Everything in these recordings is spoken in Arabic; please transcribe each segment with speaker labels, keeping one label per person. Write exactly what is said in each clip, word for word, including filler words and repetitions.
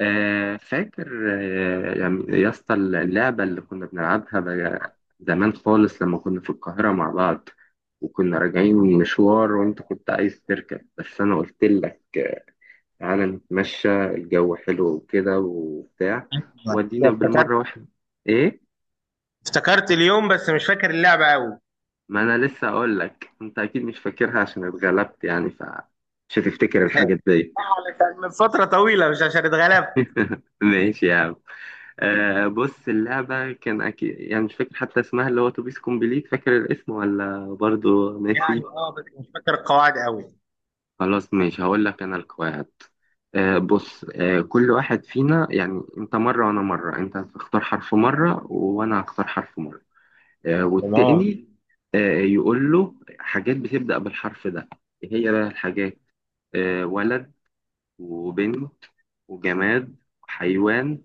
Speaker 1: آه، فاكر. آه، يعني يا اسطى، اللعبة اللي كنا بنلعبها بقى زمان خالص لما كنا في القاهرة مع بعض، وكنا راجعين من مشوار وانت كنت عايز تركب بس انا قلت لك آه، تعالى نتمشى، الجو حلو وكده وبتاع، ودينا
Speaker 2: افتكرت.
Speaker 1: بالمرة واحدة. ايه؟
Speaker 2: افتكرت اليوم، بس مش فاكر اللعبة قوي.
Speaker 1: ما انا لسه اقول لك انت اكيد مش فاكرها عشان اتغلبت يعني، فمش هتفتكر الحاجات دي.
Speaker 2: علشان من فترة طويلة، مش عشان اتغلبت
Speaker 1: ماشي يا عم. آه بص، اللعبة كان أكيد، يعني مش فاكر حتى اسمها، اللي هو توبيس كومبليت. فاكر الاسم ولا برضو ناسي؟
Speaker 2: يعني. اه، بس مش فاكر القواعد قوي.
Speaker 1: خلاص ماشي، هقول لك أنا القواعد. آه بص آه كل واحد فينا، يعني أنت مرة وأنا مرة، أنت هتختار حرف مرة وأنا هختار حرف مرة. آه
Speaker 2: تمام.
Speaker 1: والتاني آه يقول له حاجات بتبدأ بالحرف ده. إيه هي بقى الحاجات؟ آه ولد، وبنت، وجماد، وحيوان،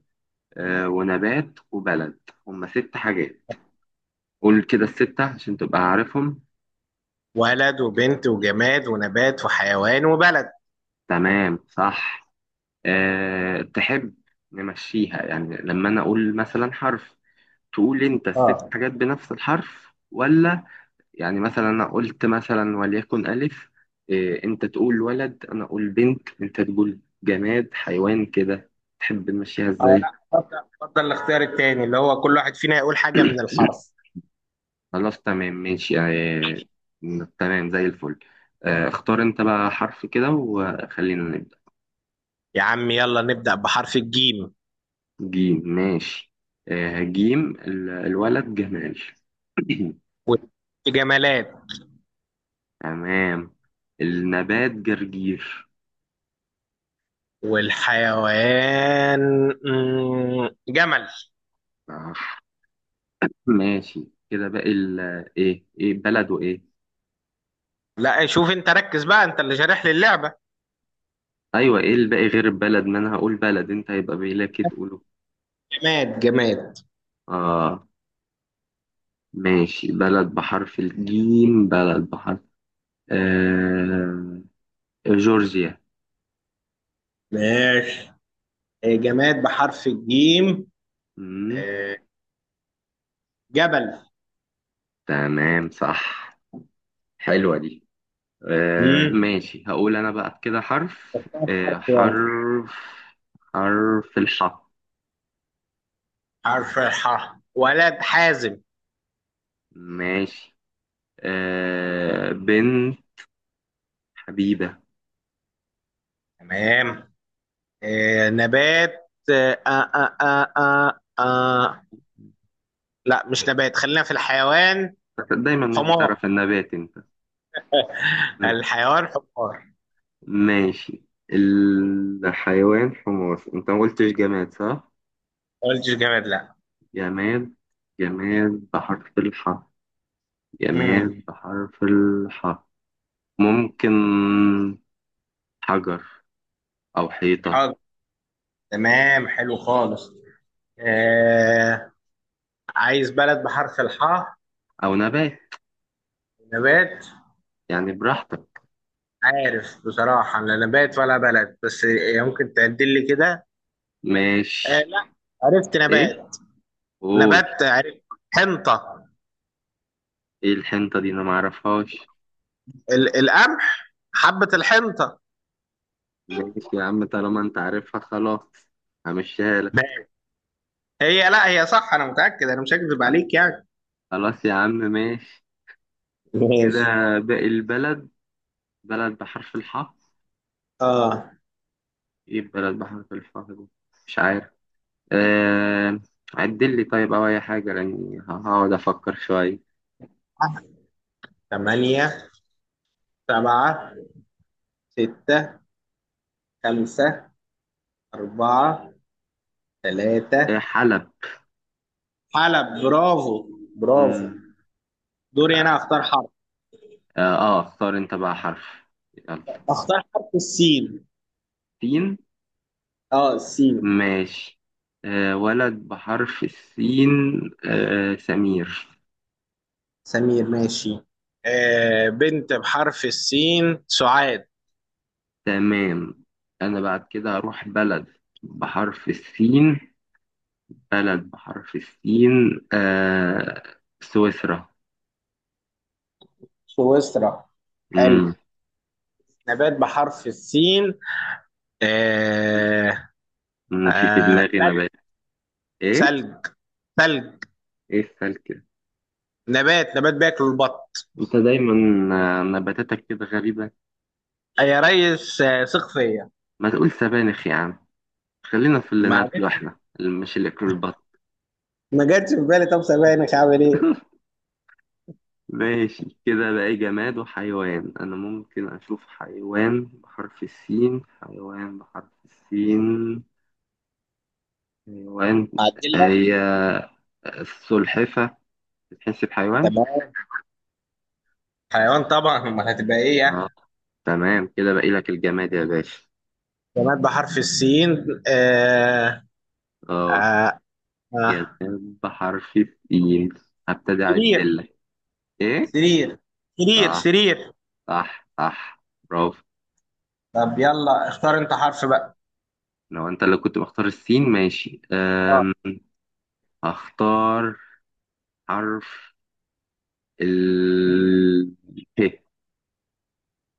Speaker 1: آه ونبات، وبلد. هما ست حاجات. قول كده الستة عشان تبقى عارفهم.
Speaker 2: ولد وبنت وجماد ونبات وحيوان وبلد.
Speaker 1: تمام، صح. أه تحب نمشيها، يعني لما أنا أقول مثلا حرف، تقول أنت الست
Speaker 2: اه،
Speaker 1: حاجات بنفس الحرف ولا... يعني مثلا أنا قلت مثلا وليكن ألف، أه أنت تقول ولد، أنا أقول بنت، أنت تقول جماد، حيوان، كده. تحب نمشيها
Speaker 2: اه،
Speaker 1: إزاي؟
Speaker 2: لا، اتفضل اتفضل، الاختيار التاني اللي هو كل واحد فينا يقول حاجة من الحرف.
Speaker 1: خلاص، تمام، ماشي، أه. تمام زي الفل. أه اختار أنت بقى حرف كده وخلينا نبدأ.
Speaker 2: يا عم، يلا نبدأ بحرف الجيم.
Speaker 1: جيم، ماشي. آه جيم ال- الولد جمال.
Speaker 2: والجمالات.
Speaker 1: تمام. النبات جرجير.
Speaker 2: والحيوان، مم، جمل.
Speaker 1: آه، ماشي. كده باقي ال... ايه، ايه بلد وايه؟
Speaker 2: لا، شوف انت ركز بقى، انت اللي شارح لي اللعبة.
Speaker 1: ايوه، ايه الباقي غير البلد؟ ما انا هقول بلد، انت هيبقى باقي تقوله.
Speaker 2: جماد جماد.
Speaker 1: اه، ماشي. بلد بحرف الجيم، بلد بحرف آه جورجيا.
Speaker 2: ماشي. آه، جماد بحرف الجيم.
Speaker 1: مم،
Speaker 2: آه، جبل.
Speaker 1: تمام، صح. حلوة دي. آه
Speaker 2: مم.
Speaker 1: ماشي. هقول انا بقى كده حرف،
Speaker 2: كام حرف؟
Speaker 1: آه
Speaker 2: يلا.
Speaker 1: حرف حرف الحاء.
Speaker 2: حرف الحاء، ولد حازم.
Speaker 1: ماشي. آه بنت حبيبة.
Speaker 2: تمام. آه، نبات. آه، آه، آه، آه، آه. آه. لا، مش نبات، خلينا في الحيوان.
Speaker 1: دايما مش
Speaker 2: حمار.
Speaker 1: بتعرف النبات انت.
Speaker 2: الحيوان حمار.
Speaker 1: ماشي. الحيوان حمار. انت ما قلتش جماد صح؟
Speaker 2: ما قلتش جماد، لا.
Speaker 1: جماد، جماد بحرف الحاء،
Speaker 2: امم.
Speaker 1: جماد بحرف الحاء. ممكن حجر او حيطة.
Speaker 2: حاضر. تمام، حلو خالص. آه عايز بلد بحرف الحاء.
Speaker 1: او نبات
Speaker 2: نبات.
Speaker 1: يعني، براحتك.
Speaker 2: عارف بصراحة لا نبات ولا بلد، بس إيه، ممكن تعدل لي كده. آه
Speaker 1: ماشي.
Speaker 2: لا، عرفت
Speaker 1: ايه؟
Speaker 2: نبات.
Speaker 1: قول.
Speaker 2: نبات عرفت. حنطة.
Speaker 1: ايه الحنطة دي؟ انا معرفهاش.
Speaker 2: ال القمح، حبة الحنطة.
Speaker 1: ماشي يا عم، طالما انت عارفها خلاص، همشيها لك.
Speaker 2: ماشي. هي، لا هي صح، أنا متأكد، أنا مش هكذب
Speaker 1: خل-
Speaker 2: عليك يعني.
Speaker 1: خلاص يا عم، ماشي. كده
Speaker 2: ماشي.
Speaker 1: باقي البلد، بلد بحرف الحاء.
Speaker 2: اه.
Speaker 1: ايه بلد بحرف الحاء دي؟ مش عارف. آه... عدل لي طيب، او اي حاجة، لاني ه- هقعد افكر شوية.
Speaker 2: ثمانية، سبعة، ستة، خمسة، أربعة،
Speaker 1: آه
Speaker 2: ثلاثة.
Speaker 1: حلب.
Speaker 2: حلب، برافو. برافو.
Speaker 1: مم.
Speaker 2: دوري أنا أختار حرف.
Speaker 1: اه، آه، اختار انت بقى حرف. يلا.
Speaker 2: أختار حرف السين.
Speaker 1: سين،
Speaker 2: اه، السين.
Speaker 1: ماشي. آه ولد بحرف السين، آه سمير.
Speaker 2: سمير، ماشي. آه بنت بحرف السين، سعاد.
Speaker 1: تمام. أنا بعد كده هروح بلد بحرف السين. بلد بحرف السين آه سويسرا.
Speaker 2: سويسرا، حلو.
Speaker 1: مم.
Speaker 2: نبات بحرف السين. آه
Speaker 1: أنا في في
Speaker 2: آه
Speaker 1: دماغي
Speaker 2: ثلج.
Speaker 1: نبات. إيه؟
Speaker 2: ثلج ثلج.
Speaker 1: إيه السلك ده؟
Speaker 2: نبات، نبات بياكل البط.
Speaker 1: أنت دايما، آه، نباتاتك كده غريبة.
Speaker 2: آه، يا ريس، آه ثق فيا.
Speaker 1: ما تقول سبانخ يا عم، خلينا في اللي
Speaker 2: معلش،
Speaker 1: ناكله إحنا، اللي مش اللي ياكله البط.
Speaker 2: ما جاتش في بالي. طب سامعني، هعمل ايه؟
Speaker 1: ماشي. كده بقى جماد وحيوان. أنا ممكن أشوف حيوان بحرف السين، حيوان بحرف السين، حيوان.
Speaker 2: اعدل لك.
Speaker 1: هي السلحفة، بتحس بحيوان؟
Speaker 2: تمام. حيوان طبعا، امال هتبقى ايه
Speaker 1: اه،
Speaker 2: يعني؟
Speaker 1: تمام. كده باقي لك الجماد يا باشا.
Speaker 2: نبات بحرف السين. آه
Speaker 1: اه،
Speaker 2: آه آه
Speaker 1: جماد بحرف السين، هبتدي اعد
Speaker 2: سرير.
Speaker 1: لك. ايه؟
Speaker 2: سرير. سرير
Speaker 1: صح،
Speaker 2: سرير.
Speaker 1: صح، صح. برافو.
Speaker 2: طب، يلا اختار انت حرف بقى.
Speaker 1: لو انت اللي كنت مختار السين ماشي.
Speaker 2: اه.
Speaker 1: أم... اختار حرف ال ه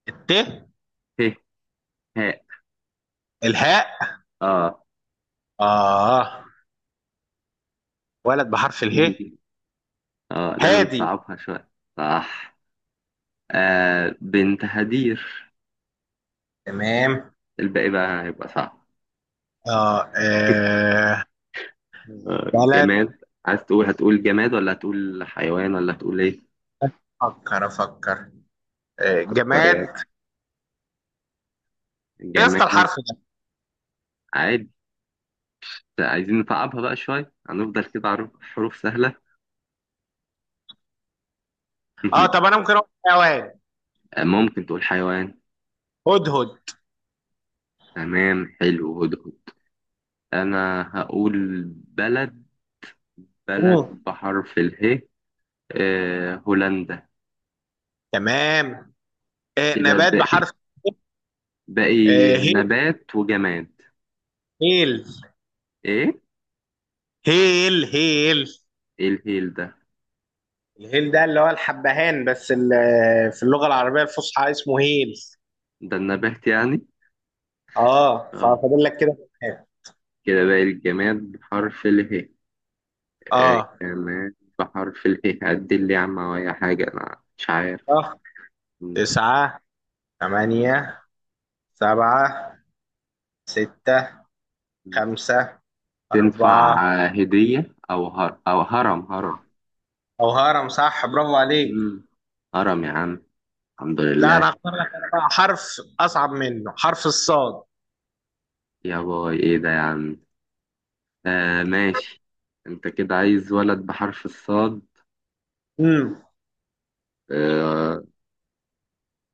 Speaker 2: الت
Speaker 1: ه ه
Speaker 2: الهاء.
Speaker 1: اه.
Speaker 2: اه، ولد بحرف اله.
Speaker 1: اه، لازم
Speaker 2: هادي.
Speaker 1: نصعبها شوية. صح. آه بنت هدير.
Speaker 2: تمام
Speaker 1: الباقي بقى هيبقى صعب.
Speaker 2: اه, آه.
Speaker 1: مم. آه،
Speaker 2: بلد.
Speaker 1: جماد. عايز تقول، هتقول جماد ولا هتقول حيوان ولا هتقول ايه؟
Speaker 2: افكر افكر. آه.
Speaker 1: فكر
Speaker 2: جماد
Speaker 1: يعني.
Speaker 2: ايه؟ يا
Speaker 1: جماد.
Speaker 2: اسطى الحرف ده.
Speaker 1: عادي، عايزين نصعبها بقى شوية، هنفضل كده على حروف سهلة.
Speaker 2: اه، طب انا ممكن اقول حيوان.
Speaker 1: ممكن تقول حيوان.
Speaker 2: هدهد.
Speaker 1: تمام، حلو، هدهد. أنا هقول بلد، بلد
Speaker 2: مم.
Speaker 1: بحرف اله. آه هولندا.
Speaker 2: تمام. آه.
Speaker 1: كده
Speaker 2: نبات
Speaker 1: باقي،
Speaker 2: بحرف
Speaker 1: باقي
Speaker 2: آه. هيل.
Speaker 1: نبات وجماد.
Speaker 2: هيل.
Speaker 1: ايه؟
Speaker 2: هيل هيل.
Speaker 1: ايه الهيل ده؟
Speaker 2: الهيل ده اللي هو الحبهان، بس ال- في اللغة العربية الفصحى اسمه هيل.
Speaker 1: ده النبات يعني؟
Speaker 2: اه،
Speaker 1: اه،
Speaker 2: ففاضل لك كده.
Speaker 1: كده باقي الجماد بحرف اله. آه،
Speaker 2: اه.
Speaker 1: كمان بحرف اله. عدل لي يا عم أو أي حاجة أنا مش عارف.
Speaker 2: صح.
Speaker 1: م-
Speaker 2: تسعة،
Speaker 1: م-
Speaker 2: ثمانية، سبعة، ستة،
Speaker 1: م-
Speaker 2: خمسة،
Speaker 1: تنفع.
Speaker 2: أربعة.
Speaker 1: آه، هدية، أو هر... أو هرم، هرم.
Speaker 2: أو هرم، صح، برافو عليك.
Speaker 1: مم. هرم يا عم. الحمد
Speaker 2: لا،
Speaker 1: لله.
Speaker 2: أنا هختار لك أنا بقى حرف أصعب منه، حرف الصاد.
Speaker 1: يا باي، إيه ده يا عم؟ آه ماشي. أنت كده عايز ولد بحرف الصاد.
Speaker 2: امم.
Speaker 1: آه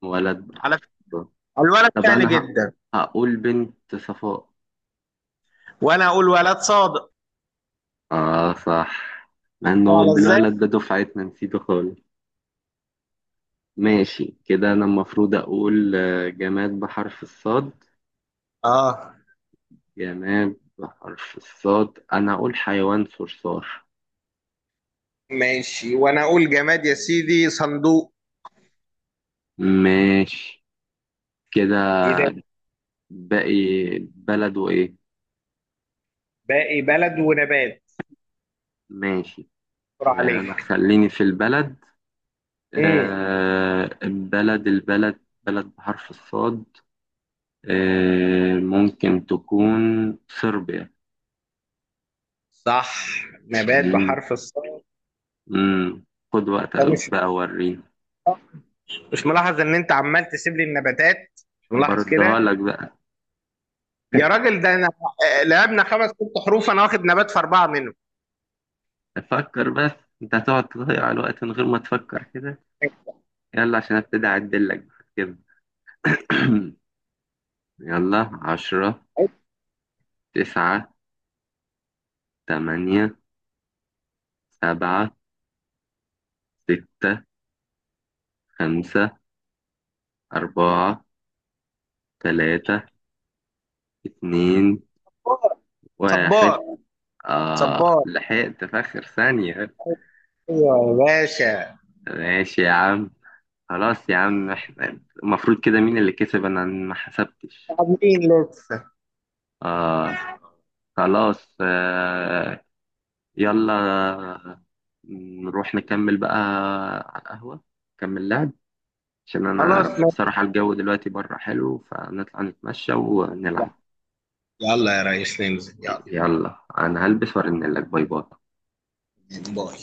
Speaker 1: ولد بحرف
Speaker 2: على.
Speaker 1: الصاد.
Speaker 2: الولد
Speaker 1: طب
Speaker 2: سهل
Speaker 1: أنا ه...
Speaker 2: جدا.
Speaker 1: هقول بنت صفاء.
Speaker 2: وأنا أقول ولد صادق.
Speaker 1: آه، صح. مع إنه
Speaker 2: على إزاي؟
Speaker 1: الولد ده دفعتنا نسيته خالص. ماشي. كده أنا المفروض أقول آه، جماد بحرف الصاد.
Speaker 2: آه
Speaker 1: جماد بحرف الصاد، أنا أقول حيوان صرصار.
Speaker 2: ماشي، وأنا أقول جماد يا سيدي، صندوق.
Speaker 1: ماشي. كده
Speaker 2: إيه ده؟
Speaker 1: باقي بلد وإيه؟
Speaker 2: باقي بلد ونبات.
Speaker 1: ماشي.
Speaker 2: برافو
Speaker 1: آه، أنا
Speaker 2: عليك.
Speaker 1: خليني في البلد.
Speaker 2: امم.
Speaker 1: آه، البلد البلد بلد بحرف الصاد. آه، ممكن تكون صربيا.
Speaker 2: صح. نبات
Speaker 1: مم.
Speaker 2: بحرف الصاد.
Speaker 1: مم. خد
Speaker 2: ده
Speaker 1: وقتك
Speaker 2: مش
Speaker 1: بقى وريني.
Speaker 2: مش ملاحظ ان انت عمال تسيب لي النباتات؟ مش ملاحظ
Speaker 1: أبردها
Speaker 2: كده؟
Speaker 1: لك بقى.
Speaker 2: يا راجل، ده انا. آه، لعبنا خمس ست حروف، انا واخد نبات في اربعه منهم.
Speaker 1: فكر بس، انت هتقعد تضيع الوقت من غير ما تفكر كده. يلا عشان ابتدي اعدلك بقى كده. يلا، عشرة، تسعة، تمانية، سبعة، ستة، خمسة، أربعة، تلاتة، اتنين، واحد.
Speaker 2: صبار.
Speaker 1: آه
Speaker 2: صبار.
Speaker 1: لحقت في آخر ثانية.
Speaker 2: ايوه يا باشا.
Speaker 1: ماشي يا عم. خلاص يا عم، احنا المفروض كده مين اللي كسب؟ أنا ما حسبتش.
Speaker 2: عاملين لسه.
Speaker 1: آه. خلاص، آه، يلا. نروح نكمل بقى على القهوة، نكمل لعب، عشان
Speaker 2: خلاص،
Speaker 1: أنا
Speaker 2: ماشي.
Speaker 1: بصراحة الجو دلوقتي بره حلو، فنطلع نتمشى ونلعب.
Speaker 2: يلا يا ريس، ننزل، يلا.
Speaker 1: يلا أنا هلبس وأرنلك. باي باي.
Speaker 2: باي.